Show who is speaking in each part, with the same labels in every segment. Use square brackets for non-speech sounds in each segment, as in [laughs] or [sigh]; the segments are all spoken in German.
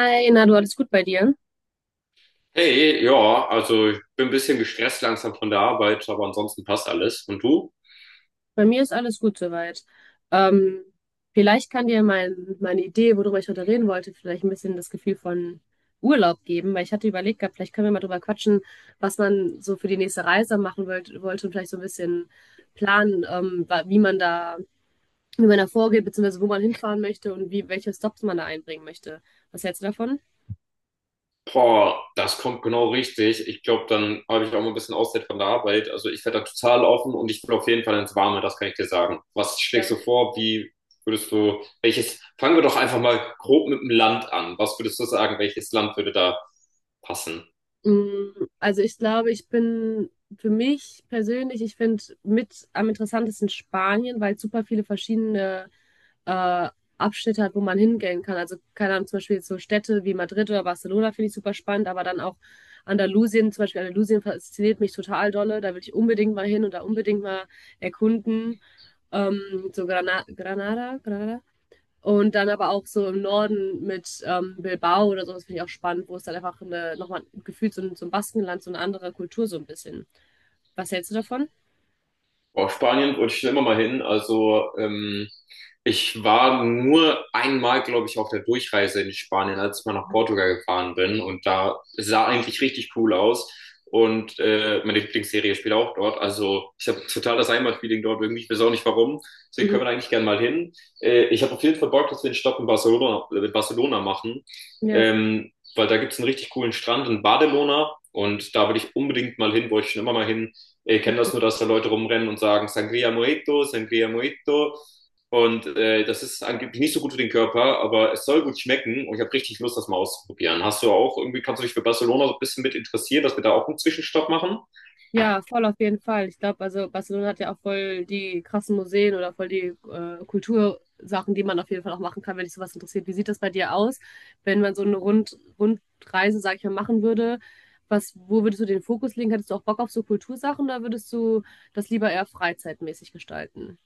Speaker 1: Hi, na du, alles gut bei dir?
Speaker 2: Hey, ja, also ich bin ein bisschen gestresst langsam von der Arbeit, aber ansonsten passt alles. Und du?
Speaker 1: Bei mir ist alles gut soweit. Ähm, Vielleicht kann dir meine Idee, worüber ich heute reden wollte, vielleicht ein bisschen das Gefühl von Urlaub geben, weil ich hatte überlegt gehabt, vielleicht können wir mal drüber quatschen, was man so für die nächste Reise machen wollte und vielleicht so ein bisschen planen, wie man wie man da vorgeht, beziehungsweise wo man hinfahren möchte und wie, welche Stops man da einbringen möchte. Was hältst du davon?
Speaker 2: Boah, das kommt genau richtig. Ich glaube, dann habe ich auch mal ein bisschen Auszeit von der Arbeit. Also ich werde da total offen und ich will auf jeden Fall ins Warme, das kann ich dir sagen. Was schlägst du vor? Wie würdest du, welches, fangen wir doch einfach mal grob mit dem Land an. Was würdest du sagen, welches Land würde da passen?
Speaker 1: Mm, also ich glaube, ich bin für mich persönlich, ich finde mit am interessantesten Spanien, weil es super viele verschiedene äh, Abschnitte hat, wo man hingehen kann. Also keine Ahnung, zum Beispiel jetzt so Städte wie Madrid oder Barcelona finde ich super spannend, aber dann auch Andalusien, zum Beispiel Andalusien fasziniert mich total dolle. Da will ich unbedingt mal hin und da unbedingt mal erkunden. Ähm, so Granada, und dann aber auch so im Norden mit Bilbao oder so, das finde ich auch spannend, wo es dann einfach nochmal gefühlt so ein Baskenland, so eine andere Kultur so ein bisschen. Was hältst du davon?
Speaker 2: Boah, Spanien wollte ich schon immer mal hin. Also ich war nur einmal, glaube ich, auf der Durchreise in Spanien, als ich mal nach
Speaker 1: Mhm.
Speaker 2: Portugal gefahren bin. Und da es sah eigentlich richtig cool aus. Und meine Lieblingsserie spielt auch dort. Also ich habe total das Heimatfeeling dort irgendwie. Ich weiß auch nicht warum. Deswegen können wir
Speaker 1: Mhm.
Speaker 2: da eigentlich gerne mal hin. Ich habe auf jeden Fall Bock, dass wir einen Stopp in Barcelona machen.
Speaker 1: Ja.
Speaker 2: Weil da gibt es einen richtig coolen Strand in Barcelona. Und da will ich unbedingt mal hin, wollte ich schon immer mal hin. Ich kenne das nur, dass da Leute rumrennen und sagen Sangria Mojito, Sangria Mojito. Und das ist angeblich nicht so gut für den Körper, aber es soll gut schmecken und ich habe richtig Lust, das mal auszuprobieren. Hast du auch irgendwie, kannst du dich für Barcelona so ein bisschen mit interessieren, dass wir da auch einen Zwischenstopp machen?
Speaker 1: Ja, voll auf jeden Fall. Ich glaube, also Barcelona hat ja auch voll die krassen Museen oder voll die Kultursachen, die man auf jeden Fall auch machen kann, wenn dich sowas interessiert. Wie sieht das bei dir aus, wenn man so eine Rundreise, sag ich mal, machen würde? Was, wo würdest du den Fokus legen? Hättest du auch Bock auf so Kultursachen oder würdest du das lieber eher freizeitmäßig gestalten?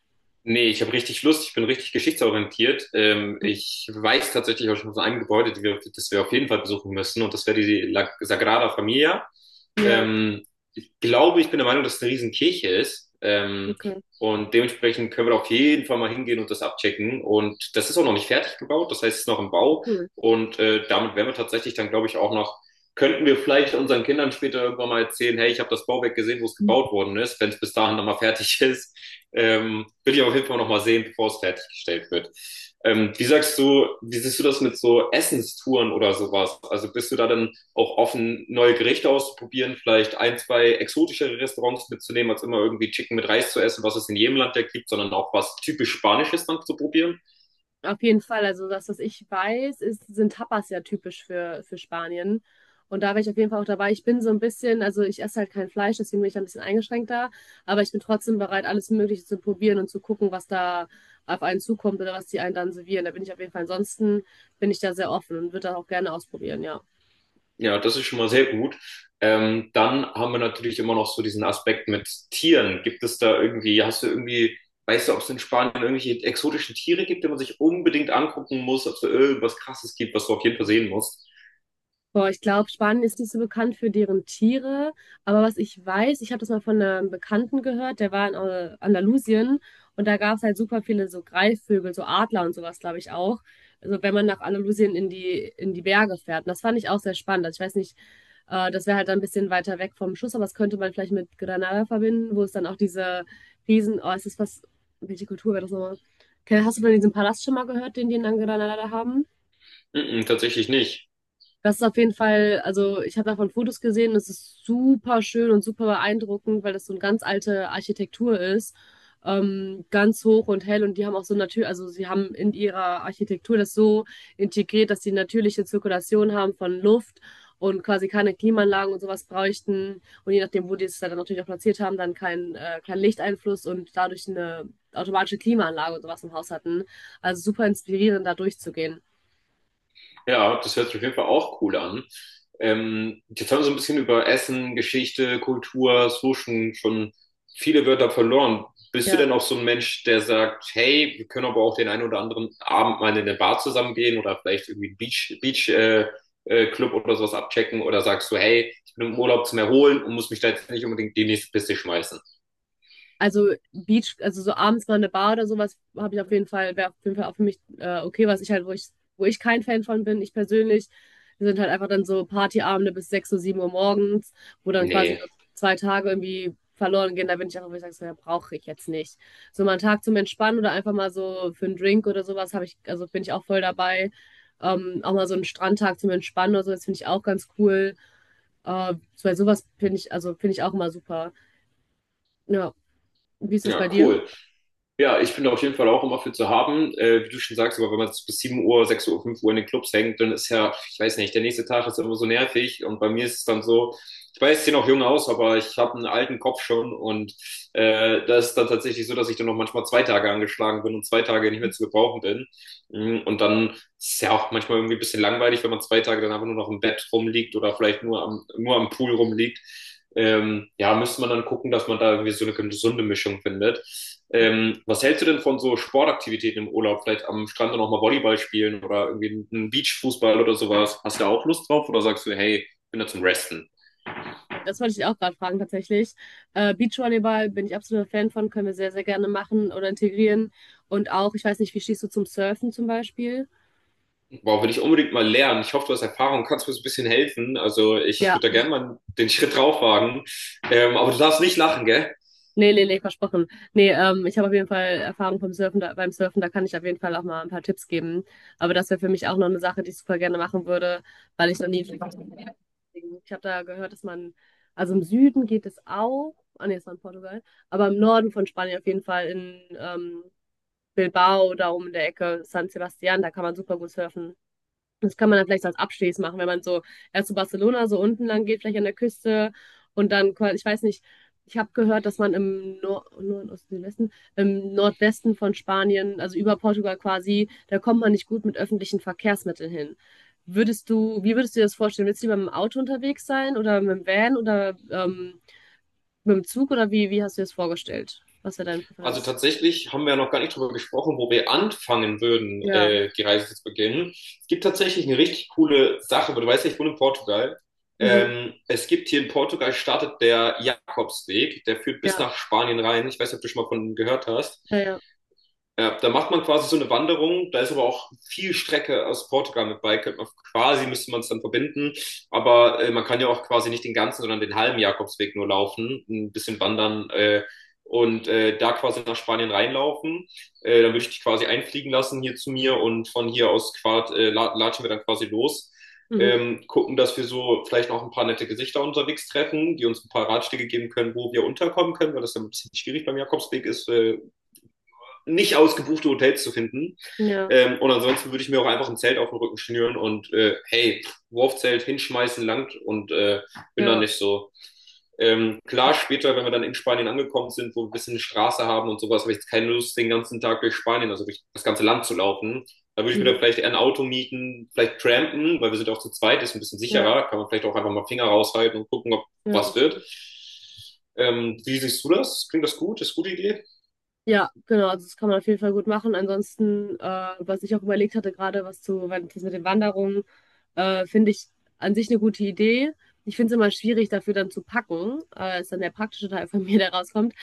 Speaker 2: Nee, ich habe richtig Lust, ich bin richtig geschichtsorientiert. Ich weiß tatsächlich auch schon von einem Gebäude, die wir, das wir auf jeden Fall besuchen müssen, und das wäre die La Sagrada Familia.
Speaker 1: Ja,
Speaker 2: Ähm, ich glaube, ich bin der Meinung, dass es eine Riesenkirche ist.
Speaker 1: okay,
Speaker 2: Und dementsprechend können wir da auf jeden Fall mal hingehen und das abchecken. Und das ist auch noch nicht fertig gebaut, das heißt, es ist noch im Bau.
Speaker 1: cool.
Speaker 2: Und damit wären wir tatsächlich dann, glaube ich, auch noch, könnten wir vielleicht unseren Kindern später irgendwann mal erzählen, hey, ich habe das Bauwerk gesehen, wo es gebaut worden ist, wenn es bis dahin nochmal fertig [laughs] ist. Will ich auf jeden Fall nochmal sehen, bevor es fertiggestellt wird. Wie sagst du, wie siehst du das mit so Essenstouren oder sowas? Also bist du da dann auch offen, neue Gerichte auszuprobieren, vielleicht ein, zwei exotischere Restaurants mitzunehmen, als immer irgendwie Chicken mit Reis zu essen, was es in jedem Land ja gibt, sondern auch was typisch Spanisches dann zu probieren?
Speaker 1: Auf jeden Fall, also das, was ich weiß, ist, sind Tapas ja typisch für Spanien. Und da wäre ich auf jeden Fall auch dabei. Ich bin so ein bisschen, also ich esse halt kein Fleisch, deswegen bin ich da ein bisschen eingeschränkter, aber ich bin trotzdem bereit, alles Mögliche zu probieren und zu gucken, was da auf einen zukommt oder was die einen dann servieren. Da bin ich auf jeden Fall, ansonsten bin ich da sehr offen und würde das auch gerne ausprobieren, ja.
Speaker 2: Ja, das ist schon mal sehr gut. Dann haben wir natürlich immer noch so diesen Aspekt mit Tieren. Gibt es da irgendwie, hast du irgendwie, weißt du, ob es in Spanien irgendwelche exotischen Tiere gibt, die man sich unbedingt angucken muss, ob es da irgendwas Krasses gibt, was du auf jeden Fall sehen musst?
Speaker 1: Boah, ich glaube, Spanien ist nicht so bekannt für deren Tiere, aber was ich weiß, ich habe das mal von einem Bekannten gehört, der war in Andalusien und da gab es halt super viele so Greifvögel, so Adler und sowas, glaube ich auch. Also wenn man nach Andalusien in in die Berge fährt. Und das fand ich auch sehr spannend. Also ich weiß nicht, das wäre halt dann ein bisschen weiter weg vom Schuss, aber das könnte man vielleicht mit Granada verbinden, wo es dann auch diese Riesen, oh, es ist was, welche Kultur wäre das nochmal? Hast du von diesem Palast schon mal gehört, den die in Granada da haben?
Speaker 2: Mm-mm, tatsächlich nicht.
Speaker 1: Das ist auf jeden Fall, also ich habe davon Fotos gesehen, das ist super schön und super beeindruckend, weil das so eine ganz alte Architektur ist, ganz hoch und hell und die haben auch so natürlich, also sie haben in ihrer Architektur das so integriert, dass sie natürliche Zirkulation haben von Luft und quasi keine Klimaanlagen und sowas bräuchten und je nachdem, wo die es dann natürlich auch platziert haben, dann kein Lichteinfluss und dadurch eine automatische Klimaanlage und sowas im Haus hatten. Also super inspirierend, da durchzugehen.
Speaker 2: Ja, das hört sich auf jeden Fall auch cool an. Jetzt haben wir so ein bisschen über Essen, Geschichte, Kultur, so schon viele Wörter verloren. Bist du
Speaker 1: Ja.
Speaker 2: denn auch so ein Mensch, der sagt, hey, wir können aber auch den einen oder anderen Abend mal in eine Bar zusammengehen oder vielleicht irgendwie einen Beach, Club oder sowas abchecken oder sagst du, hey, ich bin im Urlaub zum Erholen und muss mich da jetzt nicht unbedingt die nächste Piste schmeißen?
Speaker 1: Also also so abends mal eine Bar oder sowas habe ich auf jeden Fall, wäre auf jeden Fall auch für mich okay, was ich halt, wo ich kein Fan von bin, ich persönlich, sind halt einfach dann so Partyabende bis 6 Uhr, 7 Uhr morgens, wo dann quasi so
Speaker 2: Nee.
Speaker 1: zwei Tage irgendwie verloren gehen, da bin ich einfach, wo ich sage, so, ja, brauche ich jetzt nicht. So mal einen Tag zum Entspannen oder einfach mal so für einen Drink oder sowas habe ich, also bin ich auch voll dabei. Auch mal so einen Strandtag zum Entspannen oder so, das finde ich auch ganz cool. Äh, Bei sowas finde ich, also finde ich auch immer super. Ja, wie ist das bei
Speaker 2: Ja,
Speaker 1: dir?
Speaker 2: cool. Ja, ich bin auf jeden Fall auch immer für zu haben. Wie du schon sagst, aber wenn man bis 7 Uhr, 6 Uhr, 5 Uhr in den Clubs hängt, dann ist ja, ich weiß nicht, der nächste Tag ist ja immer so nervig. Und bei mir ist es dann so, ich weiß, ich sehe noch jung aus, aber ich habe einen alten Kopf schon. Und das ist dann tatsächlich so, dass ich dann noch manchmal zwei Tage angeschlagen bin und zwei Tage nicht mehr zu gebrauchen bin. Und dann ist ja auch manchmal irgendwie ein bisschen langweilig, wenn man zwei Tage dann einfach nur noch im Bett rumliegt oder vielleicht nur am Pool rumliegt. Ja, müsste man dann gucken, dass man da irgendwie so eine gesunde Mischung findet. Was hältst du denn von so Sportaktivitäten im Urlaub? Vielleicht am Strand noch mal Volleyball spielen oder irgendwie einen Beachfußball oder sowas. Hast du da auch Lust drauf oder sagst du, hey, ich bin da zum Resten?
Speaker 1: Ja, das wollte ich auch gerade fragen, tatsächlich. Beachvolleyball bin ich absoluter Fan von, können wir sehr, sehr gerne machen oder integrieren. Und auch, ich weiß nicht, wie stehst du zum Surfen zum Beispiel?
Speaker 2: Wow, will ich unbedingt mal lernen. Ich hoffe, du hast Erfahrung, kannst mir so ein bisschen helfen. Also ich
Speaker 1: Ja,
Speaker 2: würde da gerne mal den Schritt drauf wagen. Aber du darfst nicht lachen, gell?
Speaker 1: nee, nee, nee, versprochen. Nee, ich habe auf jeden Fall Erfahrung vom Surfen, beim Surfen, da kann ich auf jeden Fall auch mal ein paar Tipps geben. Aber das wäre für mich auch noch eine Sache, die ich super gerne machen würde, weil ich noch nie. Ich habe da gehört, also im Süden geht es auch, ah nee, es war in Portugal, aber im Norden von Spanien auf jeden Fall in Bilbao, da oben in der Ecke, San Sebastian, da kann man super gut surfen. Das kann man dann vielleicht so als Abstieß machen, wenn man so erst zu Barcelona so unten lang geht, vielleicht an der Küste und dann, quasi- ich weiß nicht, ich habe gehört, dass man im Nor Nord Osten, Südwesten, im Nordwesten von Spanien, also über Portugal quasi, da kommt man nicht gut mit öffentlichen Verkehrsmitteln hin. Wie würdest du dir das vorstellen? Willst du lieber mit dem Auto unterwegs sein oder mit dem Van oder mit dem Zug oder wie hast du dir das vorgestellt? Was wäre deine
Speaker 2: Also
Speaker 1: Präferenz?
Speaker 2: tatsächlich haben wir ja noch gar nicht drüber gesprochen, wo wir anfangen würden,
Speaker 1: Ja.
Speaker 2: die Reise zu beginnen. Es gibt tatsächlich eine richtig coole Sache, aber du weißt ja, ich wohne in Portugal.
Speaker 1: Mhm.
Speaker 2: Es gibt hier in Portugal startet der Jakobsweg, der führt bis
Speaker 1: Ja.
Speaker 2: nach Spanien rein. Ich weiß nicht, ob du schon mal von ihm gehört hast.
Speaker 1: Ja, ja.
Speaker 2: Ja, da macht man quasi so eine Wanderung. Da ist aber auch viel Strecke aus Portugal mit bei. Könnte man quasi, müsste man es dann verbinden. Aber man kann ja auch quasi nicht den ganzen, sondern den halben Jakobsweg nur laufen, ein bisschen wandern und da quasi nach Spanien reinlaufen. Dann würde ich dich quasi einfliegen lassen hier zu mir und von hier aus latschen wir dann quasi los.
Speaker 1: Mhm.
Speaker 2: Gucken, dass wir so vielleicht noch ein paar nette Gesichter unterwegs treffen, die uns ein paar Ratschläge geben können, wo wir unterkommen können, weil das ja ein bisschen schwierig beim Jakobsweg ist, nicht ausgebuchte Hotels zu finden.
Speaker 1: Ja,
Speaker 2: Und ansonsten würde ich mir auch einfach ein Zelt auf den Rücken schnüren und hey, Wurfzelt hinschmeißen langt und bin da
Speaker 1: ja.
Speaker 2: nicht so. Klar,
Speaker 1: Das,
Speaker 2: später, wenn wir dann in Spanien angekommen sind, wo wir ein bisschen eine Straße haben und sowas, habe ich jetzt keine Lust, den ganzen Tag durch Spanien, also durch das ganze Land zu laufen. Da würde ich mir dann
Speaker 1: mhm.
Speaker 2: vielleicht eher ein Auto mieten, vielleicht trampen, weil wir sind ja auch zu zweit, ist ein bisschen
Speaker 1: Ja,
Speaker 2: sicherer, kann man vielleicht auch einfach mal Finger raushalten und gucken, ob
Speaker 1: ja,
Speaker 2: was
Speaker 1: das
Speaker 2: wird.
Speaker 1: stimmt.
Speaker 2: Wie siehst du das? Klingt das gut? Ist eine gute Idee?
Speaker 1: Ja, genau, also das kann man auf jeden Fall gut machen. Ansonsten, was ich auch überlegt hatte, gerade was zu, wenn- das mit den Wanderungen, finde ich an sich eine gute Idee. Ich finde es immer schwierig, dafür dann zu packen. Ist dann der praktische Teil von [laughs] mir, der rauskommt.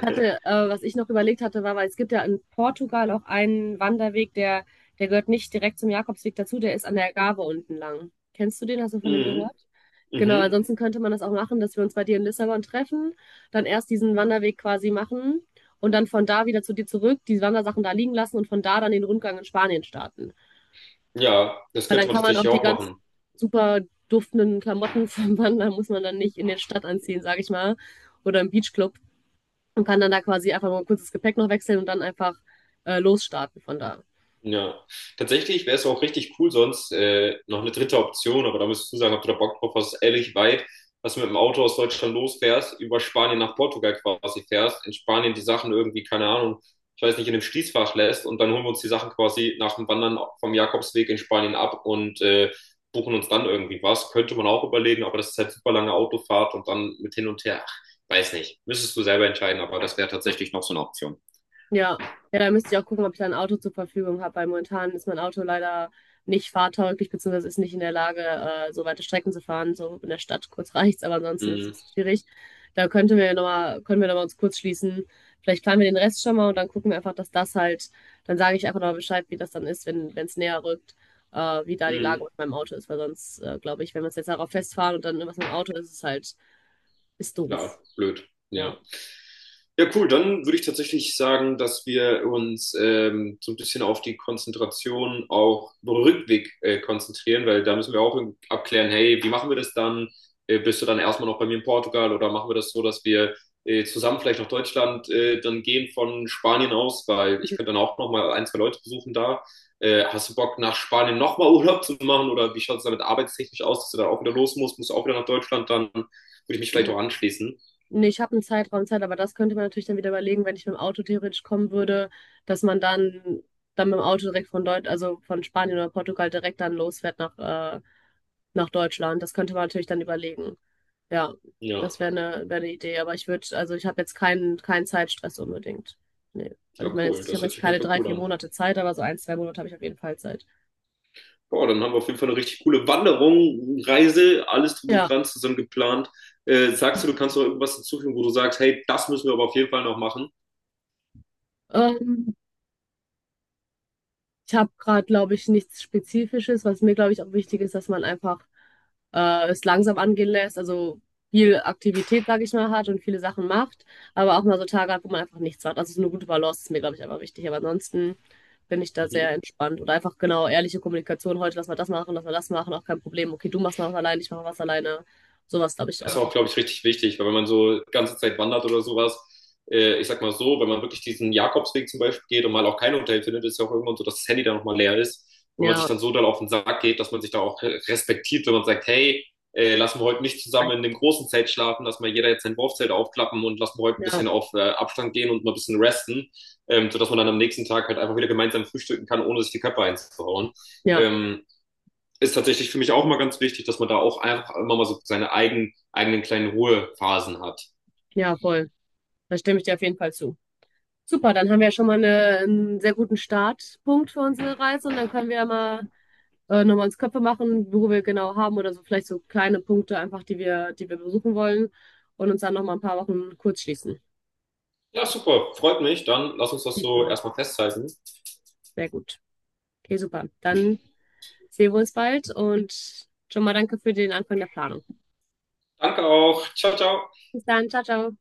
Speaker 1: Was ich noch überlegt hatte, war, weil es gibt ja in Portugal auch einen Wanderweg, der gehört nicht direkt zum Jakobsweg dazu, der ist an der Algarve unten lang. Kennst du den? Hast du von dem
Speaker 2: Mhm.
Speaker 1: gehört? Genau,
Speaker 2: Mhm.
Speaker 1: ansonsten könnte man das auch machen, dass wir uns bei dir in Lissabon treffen, dann erst diesen Wanderweg quasi machen und dann von da wieder zu dir zurück, die Wandersachen da liegen lassen und von da dann den Rundgang in Spanien starten.
Speaker 2: Ja, das
Speaker 1: Weil
Speaker 2: könnte
Speaker 1: dann
Speaker 2: man
Speaker 1: kann man auch
Speaker 2: tatsächlich
Speaker 1: die
Speaker 2: auch
Speaker 1: ganz
Speaker 2: machen.
Speaker 1: super duftenden Klamotten [laughs] vom Wandern, muss man dann nicht in der Stadt anziehen, sag ich mal, oder im Beachclub und kann dann da quasi einfach mal ein kurzes Gepäck noch wechseln und dann einfach losstarten von da.
Speaker 2: Ja, tatsächlich wäre es auch richtig cool, sonst noch eine dritte Option, aber da müsstest du sagen, ob du da Bock drauf hast, ehrlich weit, was du mit dem Auto aus Deutschland losfährst, über Spanien nach Portugal quasi fährst, in Spanien die Sachen irgendwie, keine Ahnung, ich weiß nicht, in dem Schließfach lässt und dann holen wir uns die Sachen quasi nach dem Wandern vom Jakobsweg in Spanien ab und buchen uns dann irgendwie was. Könnte man auch überlegen, aber das ist halt super lange Autofahrt und dann mit hin und her. Ach, weiß nicht. Müsstest du selber entscheiden, aber das wäre tatsächlich noch so eine Option.
Speaker 1: Ja. Ja, da müsste ich auch gucken, ob ich da ein Auto zur Verfügung habe, weil momentan ist mein Auto leider nicht fahrtauglich, beziehungsweise ist nicht in der Lage, so weite Strecken zu fahren. So in der Stadt kurz reicht's, aber ansonsten ist
Speaker 2: Mm.
Speaker 1: es schwierig. Da könnten wir nochmal, können wir nochmal uns kurz schließen. Vielleicht planen wir den Rest schon mal und dann gucken wir einfach, dann sage ich einfach nochmal Bescheid, wie das dann ist, wenn es näher rückt, wie da die Lage
Speaker 2: Mhm.
Speaker 1: mit meinem Auto ist, weil sonst, glaube ich, wenn wir uns jetzt darauf festfahren und dann irgendwas mit dem Auto ist, ist es halt ist doof.
Speaker 2: Klar, blöd.
Speaker 1: Ja.
Speaker 2: Ja. Ja, cool. Dann würde ich tatsächlich sagen, dass wir uns so ein bisschen auf die Konzentration auch über den Rückweg konzentrieren, weil da müssen wir auch abklären, hey, wie machen wir das dann? Bist du dann erstmal noch bei mir in Portugal oder machen wir das so, dass wir zusammen vielleicht nach Deutschland dann gehen von Spanien aus, weil ich könnte dann auch nochmal ein, zwei Leute besuchen da. Hast du Bock, nach Spanien nochmal Urlaub zu machen oder wie schaut es damit arbeitstechnisch aus, dass du da auch wieder los musst? Musst du auch wieder nach Deutschland? Dann würde ich mich vielleicht auch
Speaker 1: N-
Speaker 2: anschließen.
Speaker 1: Nee, ich habe einen Zeit, aber das könnte man natürlich dann wieder überlegen, wenn ich mit dem Auto theoretisch kommen würde, dass man dann, dann mit dem Auto direkt von also von Spanien oder Portugal direkt dann losfährt nach, nach Deutschland. Das könnte man natürlich dann überlegen. Ja, das
Speaker 2: Ja.
Speaker 1: wäre wär eine Idee. Aber ich würde, also ich habe jetzt keinen Zeitstress unbedingt. Nee. Also
Speaker 2: Ja,
Speaker 1: ich meine
Speaker 2: cool.
Speaker 1: jetzt, ich
Speaker 2: Das
Speaker 1: habe
Speaker 2: hört
Speaker 1: jetzt
Speaker 2: sich auf jeden
Speaker 1: keine
Speaker 2: Fall
Speaker 1: drei,
Speaker 2: cool
Speaker 1: vier
Speaker 2: an.
Speaker 1: Monate Zeit, aber so ein, zwei Monate habe ich auf jeden Fall Zeit.
Speaker 2: Boah, dann haben wir auf jeden Fall eine richtig coole Wanderung, Reise, alles drum und
Speaker 1: Ja.
Speaker 2: dran zusammen geplant. Sagst du, du kannst noch irgendwas hinzufügen, wo du sagst, hey, das müssen wir aber auf jeden Fall noch machen?
Speaker 1: Ähm, Ich habe gerade, glaube ich, nichts Spezifisches, was mir, glaube ich, auch wichtig ist, dass man einfach es langsam angehen lässt, also viel Aktivität, sage ich mal, hat und viele Sachen macht, aber auch mal so Tage hat, wo man einfach nichts macht. Also so eine gute Balance ist mir, glaube ich, einfach wichtig. Aber ansonsten bin ich da sehr
Speaker 2: Mhm.
Speaker 1: entspannt oder einfach genau ehrliche Kommunikation. Heute lass mal das machen, lass mal das machen, auch kein Problem. Okay, du machst mal was alleine, ich mache was alleine. Sowas, glaube ich,
Speaker 2: Das ist
Speaker 1: einfach
Speaker 2: auch,
Speaker 1: wichtig.
Speaker 2: glaube ich, richtig wichtig, weil wenn man so die ganze Zeit wandert oder sowas, ich sag mal so, wenn man wirklich diesen Jakobsweg zum Beispiel geht und mal auch kein Hotel findet, ist ja auch irgendwann so, dass das Handy dann nochmal leer ist und man sich
Speaker 1: Ja,
Speaker 2: dann so dann auf den Sack geht, dass man sich da auch respektiert, wenn man sagt, hey, lassen wir heute nicht zusammen in dem großen Zelt schlafen, lass mal jeder jetzt sein Wurfzelt aufklappen und lassen wir heute ein
Speaker 1: ja,
Speaker 2: bisschen auf Abstand gehen und mal ein bisschen resten, sodass man dann am nächsten Tag halt einfach wieder gemeinsam frühstücken kann, ohne sich die Köpfe einzuhauen.
Speaker 1: ja,
Speaker 2: Ähm, ist tatsächlich für mich auch mal ganz wichtig, dass man da auch einfach immer mal so seine eigenen kleinen Ruhephasen hat.
Speaker 1: ja, voll. Da stimme ich dir auf jeden Fall zu. Super, dann haben wir ja schon mal einen sehr guten Startpunkt für unsere Reise und dann können wir ja mal nochmal uns Köpfe machen, wo wir genau haben oder so vielleicht so kleine Punkte einfach, die wir besuchen wollen und uns dann nochmal ein paar Wochen kurz schließen.
Speaker 2: Ja, super, freut mich. Dann lass uns das
Speaker 1: Sieht
Speaker 2: so
Speaker 1: so,
Speaker 2: erstmal festhalten.
Speaker 1: sehr gut. Okay, super. Dann sehen wir uns bald und schon mal danke für den Anfang der Planung.
Speaker 2: Danke auch. Ciao, ciao.
Speaker 1: Bis dann, ciao, ciao.